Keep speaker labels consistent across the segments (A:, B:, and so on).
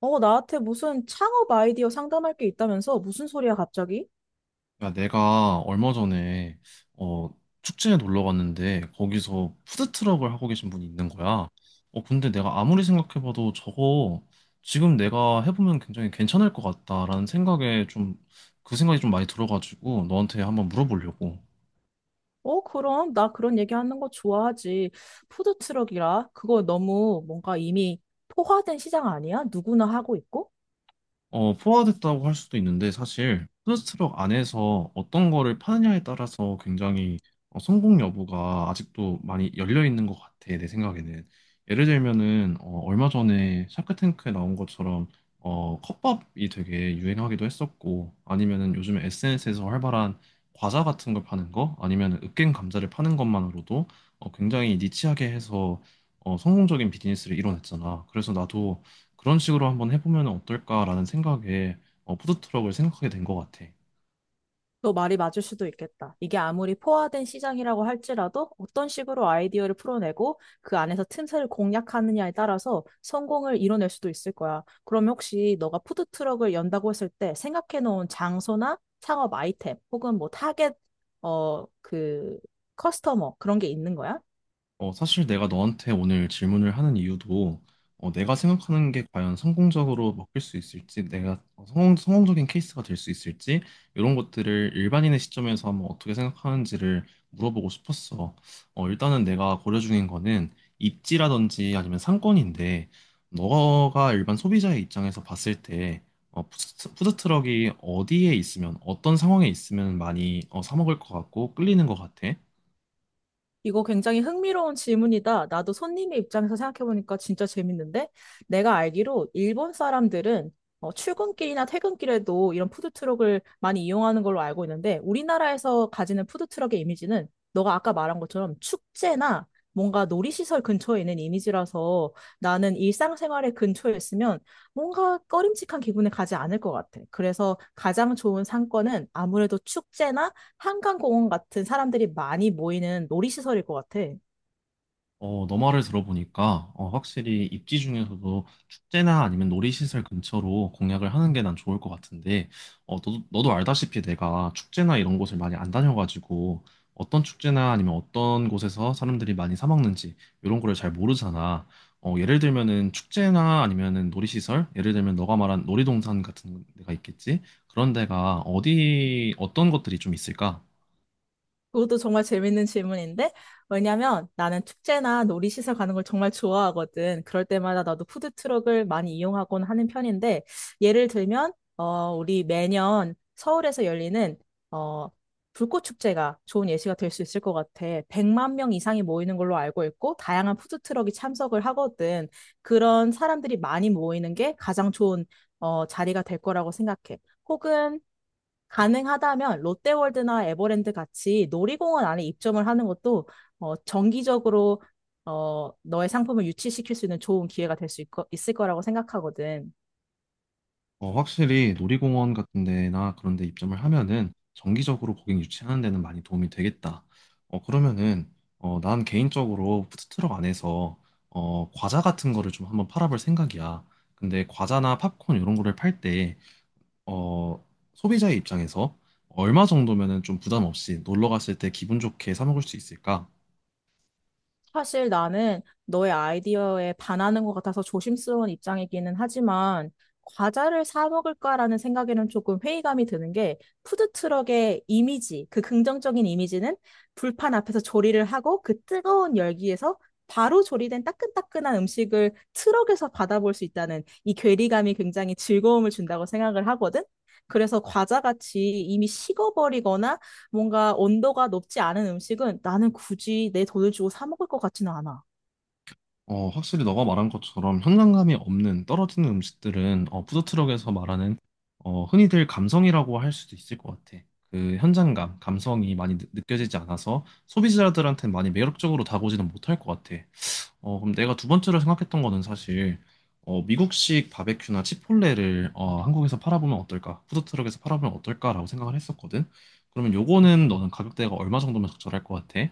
A: 어, 나한테 무슨 창업 아이디어 상담할 게 있다면서? 무슨 소리야, 갑자기?
B: 야, 내가 얼마 전에 어, 축제에 놀러 갔는데 거기서 푸드트럭을 하고 계신 분이 있는 거야. 근데 내가 아무리 생각해봐도 저거 지금 내가 해보면 굉장히 괜찮을 것 같다라는 생각에 좀 그 생각이 좀 많이 들어가지고 너한테 한번 물어보려고.
A: 그럼. 나 그런 얘기하는 거 좋아하지. 푸드트럭이라? 그거 너무 뭔가 이미 포화된 시장 아니야? 누구나 하고 있고?
B: 포화됐다고 할 수도 있는데 사실 푸드트럭 안에서 어떤 거를 파느냐에 따라서 굉장히 성공 여부가 아직도 많이 열려 있는 것 같아 내 생각에는. 예를 들면은 얼마 전에 샤크탱크에 나온 것처럼 컵밥이 되게 유행하기도 했었고, 아니면은 요즘에 SNS에서 활발한 과자 같은 걸 파는 거, 아니면은 으깬 감자를 파는 것만으로도 굉장히 니치하게 해서 성공적인 비즈니스를 이뤄냈잖아. 그래서 나도 그런 식으로 한번 해보면 어떨까라는 생각에 푸드트럭을 생각하게 된 것 같아.
A: 너 말이 맞을 수도 있겠다. 이게 아무리 포화된 시장이라고 할지라도 어떤 식으로 아이디어를 풀어내고 그 안에서 틈새를 공략하느냐에 따라서 성공을 이뤄낼 수도 있을 거야. 그러면 혹시 너가 푸드트럭을 연다고 했을 때 생각해 놓은 장소나 창업 아이템 혹은 뭐 타겟, 어, 그, 커스터머 그런 게 있는 거야?
B: 사실 내가 너한테 오늘 질문을 하는 이유도 내가 생각하는 게 과연 성공적으로 먹힐 수 있을지, 내가 성공적인 케이스가 될 수 있을지, 이런 것들을 일반인의 시점에서 한번 어떻게 생각하는지를 물어보고 싶었어. 일단은 내가 고려 중인 거는 입지라든지 아니면 상권인데, 너가 일반 소비자의 입장에서 봤을 때, 푸드트럭이 어디에 있으면, 어떤 상황에 있으면 많이 사 먹을 것 같고 끌리는 것 같아?
A: 이거 굉장히 흥미로운 질문이다. 나도 손님의 입장에서 생각해보니까 진짜 재밌는데? 내가 알기로 일본 사람들은 출근길이나 퇴근길에도 이런 푸드트럭을 많이 이용하는 걸로 알고 있는데, 우리나라에서 가지는 푸드트럭의 이미지는 너가 아까 말한 것처럼 축제나 뭔가 놀이시설 근처에 있는 이미지라서 나는 일상생활의 근처에 있으면 뭔가 꺼림칙한 기분에 가지 않을 것 같아. 그래서 가장 좋은 상권은 아무래도 축제나 한강공원 같은 사람들이 많이 모이는 놀이시설일 것 같아.
B: 너 말을 들어보니까 확실히 입지 중에서도 축제나 아니면 놀이시설 근처로 공약을 하는 게 난 좋을 것 같은데, 너도 알다시피 내가 축제나 이런 곳을 많이 안 다녀가지고 어떤 축제나 아니면 어떤 곳에서 사람들이 많이 사 먹는지 이런 거를 잘 모르잖아. 예를 들면은 축제나 아니면은 놀이시설, 예를 들면 너가 말한 놀이동산 같은 데가 있겠지? 그런 데가 어디 어떤 것들이 좀 있을까?
A: 그것도 정말 재밌는 질문인데, 왜냐면 나는 축제나 놀이시설 가는 걸 정말 좋아하거든. 그럴 때마다 나도 푸드트럭을 많이 이용하곤 하는 편인데, 예를 들면, 우리 매년 서울에서 열리는, 어, 불꽃축제가 좋은 예시가 될 수 있을 것 같아. 100만 명 이상이 모이는 걸로 알고 있고, 다양한 푸드트럭이 참석을 하거든. 그런 사람들이 많이 모이는 게 가장 좋은, 자리가 될 거라고 생각해. 혹은 가능하다면 롯데월드나 에버랜드 같이 놀이공원 안에 입점을 하는 것도 정기적으로 너의 상품을 유치시킬 수 있는 좋은 기회가 될 수 있을 거라고 생각하거든.
B: 확실히 놀이공원 같은 데나 그런 데 입점을 하면은 정기적으로 고객 유치하는 데는 많이 도움이 되겠다. 그러면은 난 개인적으로 푸드트럭 안에서 과자 같은 거를 좀 한번 팔아볼 생각이야. 근데 과자나 팝콘 이런 거를 팔 때 어, 소비자의 입장에서 얼마 정도면은 좀 부담 없이 놀러 갔을 때 기분 좋게 사 먹을 수 있을까?
A: 사실 나는 너의 아이디어에 반하는 것 같아서 조심스러운 입장이기는 하지만 과자를 사 먹을까라는 생각에는 조금 회의감이 드는 게 푸드트럭의 이미지, 그 긍정적인 이미지는 불판 앞에서 조리를 하고 그 뜨거운 열기에서 바로 조리된 따끈따끈한 음식을 트럭에서 받아볼 수 있다는 이 괴리감이 굉장히 즐거움을 준다고 생각을 하거든. 그래서 과자같이 이미 식어버리거나 뭔가 온도가 높지 않은 음식은 나는 굳이 내 돈을 주고 사 먹을 것 같지는 않아.
B: 확실히 너가 말한 것처럼 현장감이 없는 떨어지는 음식들은 푸드트럭에서 말하는 흔히들 감성이라고 할 수도 있을 것 같아. 그 현장감, 감성이 많이 껴지지 않아서 소비자들한테 많이 매력적으로 다가오지는 못할 것 같아. 그럼 내가 두 번째로 생각했던 거는 사실 미국식 바베큐나 치폴레를 한국에서 팔아보면 어떨까? 푸드트럭에서 팔아보면 어떨까라고 생각을 했었거든. 그러면 요거는 너는 가격대가 얼마 정도면 적절할 것 같아?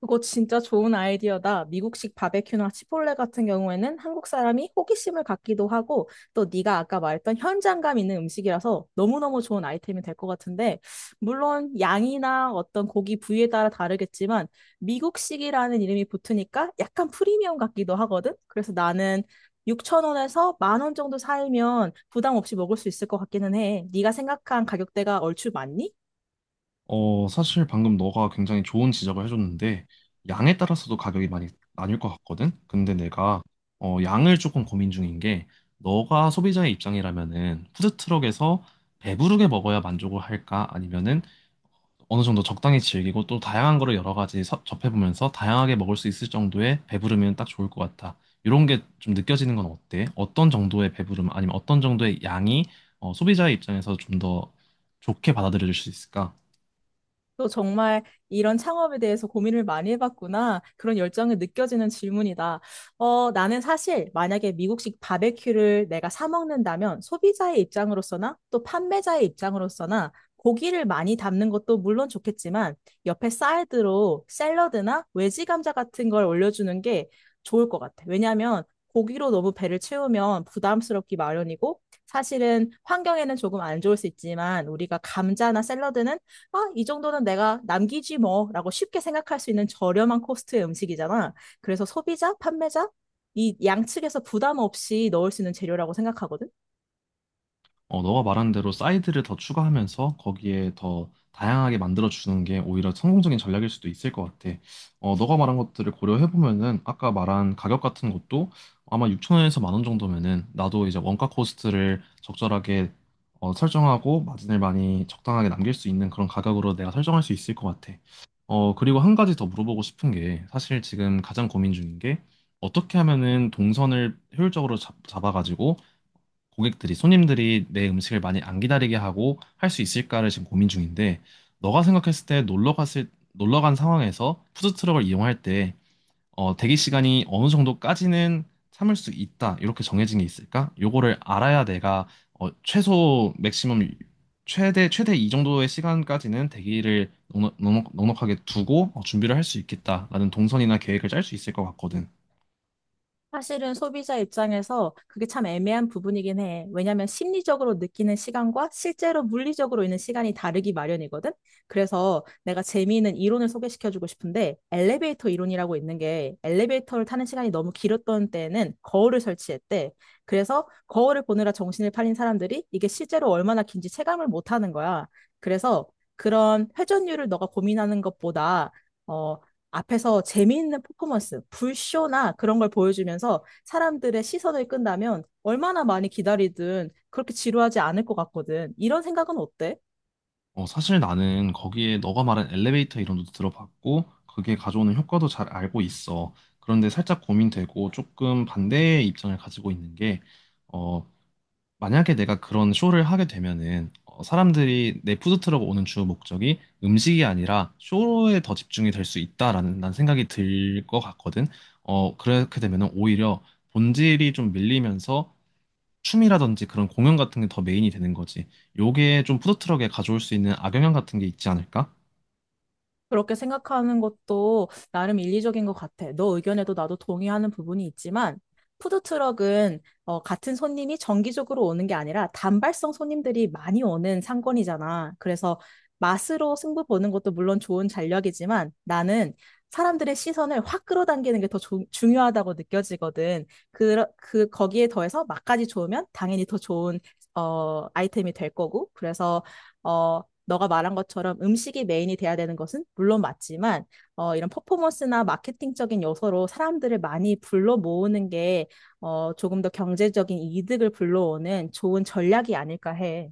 A: 그거 진짜 좋은 아이디어다. 미국식 바베큐나 치폴레 같은 경우에는 한국 사람이 호기심을 갖기도 하고 또 네가 아까 말했던 현장감 있는 음식이라서 너무너무 좋은 아이템이 될 것 같은데 물론 양이나 어떤 고기 부위에 따라 다르겠지만 미국식이라는 이름이 붙으니까 약간 프리미엄 같기도 하거든. 그래서 나는 6천 원에서 1만 원 정도 살면 부담 없이 먹을 수 있을 것 같기는 해. 네가 생각한 가격대가 얼추 맞니?
B: 사실 방금 너가 굉장히 좋은 지적을 해줬는데, 양에 따라서도 가격이 많이 나뉠 것 같거든? 양을 조금 고민 중인 게, 너가 소비자의 입장이라면은, 푸드트럭에서 배부르게 먹어야 만족을 할까? 아니면은, 어느 정도 적당히 즐기고, 또 다양한 거를 여러 가지 접해보면서, 다양하게 먹을 수 있을 정도의 배부르면 딱 좋을 것 같아. 이런 게 좀 느껴지는 건 어때? 어떤 정도의 배부름, 아니면 어떤 정도의 양이, 소비자의 입장에서 좀 더 좋게 받아들여질 수 있을까?
A: 너 정말 이런 창업에 대해서 고민을 많이 해봤구나. 그런 열정이 느껴지는 질문이다. 나는 사실 만약에 미국식 바베큐를 내가 사 먹는다면 소비자의 입장으로서나 또 판매자의 입장으로서나 고기를 많이 담는 것도 물론 좋겠지만 옆에 사이드로 샐러드나 외지 감자 같은 걸 올려주는 게 좋을 것 같아. 왜냐하면 고기로 너무 배를 채우면 부담스럽기 마련이고 사실은 환경에는 조금 안 좋을 수 있지만 우리가 감자나 샐러드는 아, 이 정도는 내가 남기지 뭐, 라고 쉽게 생각할 수 있는 저렴한 코스트의 음식이잖아. 그래서 소비자, 판매자, 이 양측에서 부담 없이 넣을 수 있는 재료라고 생각하거든.
B: 너가 말한 대로 사이드를 더 추가하면서 거기에 더 다양하게 만들어주는 게 오히려 성공적인 전략일 수도 있을 것 같아. 너가 말한 것들을 고려해보면은 아까 말한 가격 같은 것도 아마 6천 원에서 만 원 정도면은 나도 이제 원가 코스트를 적절하게 설정하고 마진을 많이 적당하게 남길 수 있는 그런 가격으로 내가 설정할 수 있을 것 같아. 그리고 한 가지 더 물어보고 싶은 게 사실 지금 가장 고민 중인 게 어떻게 하면은 동선을 효율적으로 아가지고 고객들이, 손님들이 내 음식을 많이 안 기다리게 하고 할 수 있을까를 지금 고민 중인데, 너가 생각했을 때 놀러 간 상황에서 푸드트럭을 이용할 때, 대기 시간이 어느 정도까지는 참을 수 있다, 이렇게 정해진 게 있을까? 요거를 알아야 내가, 맥시멈, 최대 이 정도의 시간까지는 대기를 하게 두고 준비를 할 수 있겠다라는 동선이나 계획을 짤 수 있을 것 같거든.
A: 사실은 소비자 입장에서 그게 참 애매한 부분이긴 해. 왜냐하면 심리적으로 느끼는 시간과 실제로 물리적으로 있는 시간이 다르기 마련이거든. 그래서 내가 재미있는 이론을 소개시켜주고 싶은데 엘리베이터 이론이라고 있는 게 엘리베이터를 타는 시간이 너무 길었던 때에는 거울을 설치했대. 그래서 거울을 보느라 정신을 팔린 사람들이 이게 실제로 얼마나 긴지 체감을 못하는 거야. 그래서 그런 회전율을 너가 고민하는 것보다 어, 앞에서 재미있는 퍼포먼스, 불쇼나 그런 걸 보여주면서 사람들의 시선을 끈다면 얼마나 많이 기다리든 그렇게 지루하지 않을 것 같거든. 이런 생각은 어때?
B: 사실 나는 거기에 너가 말한 엘리베이터 이론도 들어봤고, 그게 가져오는 효과도 잘 알고 있어. 그런데 살짝 고민되고 조금 반대의 입장을 가지고 있는 게, 어, 만약에 내가 그런 쇼를 하게 되면은, 사람들이 내 푸드트럭 오는 주 목적이 음식이 아니라 쇼에 더 집중이 될 수 있다라는 난 생각이 들 것 같거든. 그렇게 되면은 오히려 본질이 좀 밀리면서 춤이라든지 그런 공연 같은 게 더 메인이 되는 거지. 요게 좀 푸드트럭에 가져올 수 있는 악영향 같은 게 있지 않을까?
A: 그렇게 생각하는 것도 나름 일리적인 것 같아. 너 의견에도 나도 동의하는 부분이 있지만, 푸드트럭은 같은 손님이 정기적으로 오는 게 아니라 단발성 손님들이 많이 오는 상권이잖아. 그래서 맛으로 승부 보는 것도 물론 좋은 전략이지만 나는 사람들의 시선을 확 끌어당기는 게 더 중요하다고 느껴지거든. 거기에 더해서 맛까지 좋으면 당연히 더 좋은 아이템이 될 거고. 그래서 어, 너가 말한 것처럼 음식이 메인이 돼야 되는 것은 물론 맞지만 이런 퍼포먼스나 마케팅적인 요소로 사람들을 많이 불러 모으는 게 조금 더 경제적인 이득을 불러오는 좋은 전략이 아닐까 해.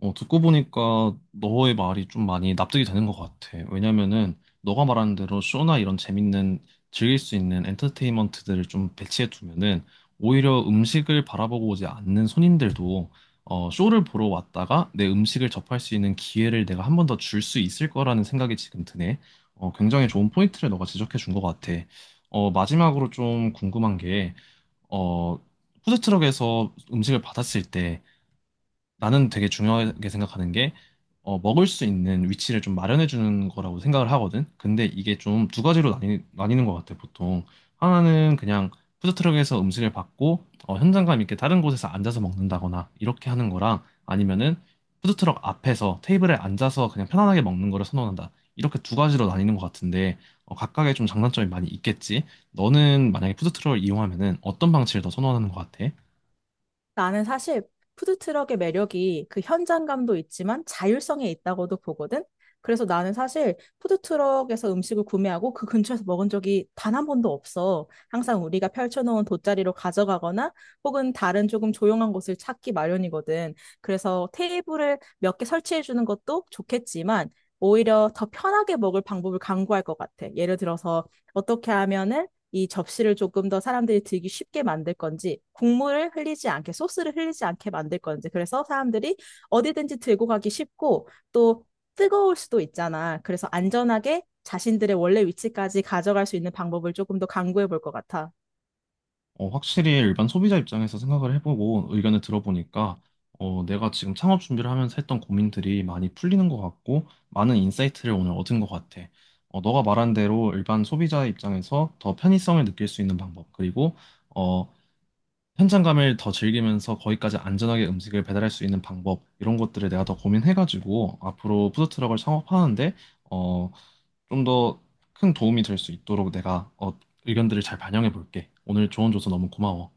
B: 듣고 보니까 너의 말이 좀 많이 납득이 되는 것 같아. 왜냐면은 너가 말하는 대로 쇼나 이런 재밌는 즐길 수 있는 엔터테인먼트들을 좀 배치해 두면은 오히려 음식을 바라보고 오지 않는 손님들도 쇼를 보러 왔다가 내 음식을 접할 수 있는 기회를 내가 한 번 더 줄 수 있을 거라는 생각이 지금 드네. 굉장히 좋은 포인트를 너가 지적해 준 것 같아. 마지막으로 좀 궁금한 게, 어, 푸드트럭에서 음식을 받았을 때 나는 되게 중요하게 생각하는 게, 먹을 수 있는 위치를 좀 마련해 주는 거라고 생각을 하거든. 근데 이게 좀 두 가지로 나뉘는 것 같아, 보통. 하나는 그냥 푸드트럭에서 음식을 받고, 현장감 있게 다른 곳에서 앉아서 먹는다거나, 이렇게 하는 거랑, 아니면은 푸드트럭 앞에서 테이블에 앉아서 그냥 편안하게 먹는 거를 선호한다. 이렇게 두 가지로 나뉘는 것 같은데, 각각의 좀 장단점이 많이 있겠지. 너는 만약에 푸드트럭을 이용하면은 어떤 방식을 더 선호하는 것 같아?
A: 나는 사실 푸드트럭의 매력이 그 현장감도 있지만 자율성에 있다고도 보거든. 그래서 나는 사실 푸드트럭에서 음식을 구매하고 그 근처에서 먹은 적이 단 한 번도 없어. 항상 우리가 펼쳐놓은 돗자리로 가져가거나 혹은 다른 조금 조용한 곳을 찾기 마련이거든. 그래서 테이블을 몇 개 설치해 주는 것도 좋겠지만 오히려 더 편하게 먹을 방법을 강구할 것 같아. 예를 들어서 어떻게 하면은 이 접시를 조금 더 사람들이 들기 쉽게 만들 건지, 국물을 흘리지 않게, 소스를 흘리지 않게 만들 건지, 그래서 사람들이 어디든지 들고 가기 쉽고, 또 뜨거울 수도 있잖아. 그래서 안전하게 자신들의 원래 위치까지 가져갈 수 있는 방법을 조금 더 강구해 볼 것 같아.
B: 확실히 일반 소비자 입장에서 생각을 해보고 의견을 들어보니까 내가 지금 창업 준비를 하면서 했던 고민들이 많이 풀리는 것 같고 많은 인사이트를 오늘 얻은 것 같아. 너가 말한 대로 일반 소비자 입장에서 더 편의성을 느낄 수 있는 방법 그리고 어, 현장감을 더 즐기면서 거기까지 안전하게 음식을 배달할 수 있는 방법, 이런 것들을 내가 더 고민해가지고 앞으로 푸드트럭을 창업하는데 어, 좀 더 큰 도움이 될 수 있도록 내가 의견들을 잘 반영해 볼게. 오늘 조언 줘서 너무 고마워.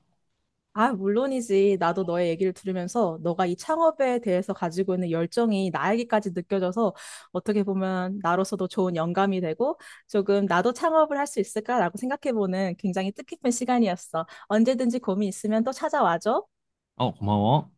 A: 아, 물론이지. 나도 너의 얘기를 들으면서 너가 이 창업에 대해서 가지고 있는 열정이 나에게까지 느껴져서 어떻게 보면 나로서도 좋은 영감이 되고 조금 나도 창업을 할 수 있을까라고 생각해보는 굉장히 뜻깊은 시간이었어. 언제든지 고민 있으면 또 찾아와줘.
B: 어, 고마워.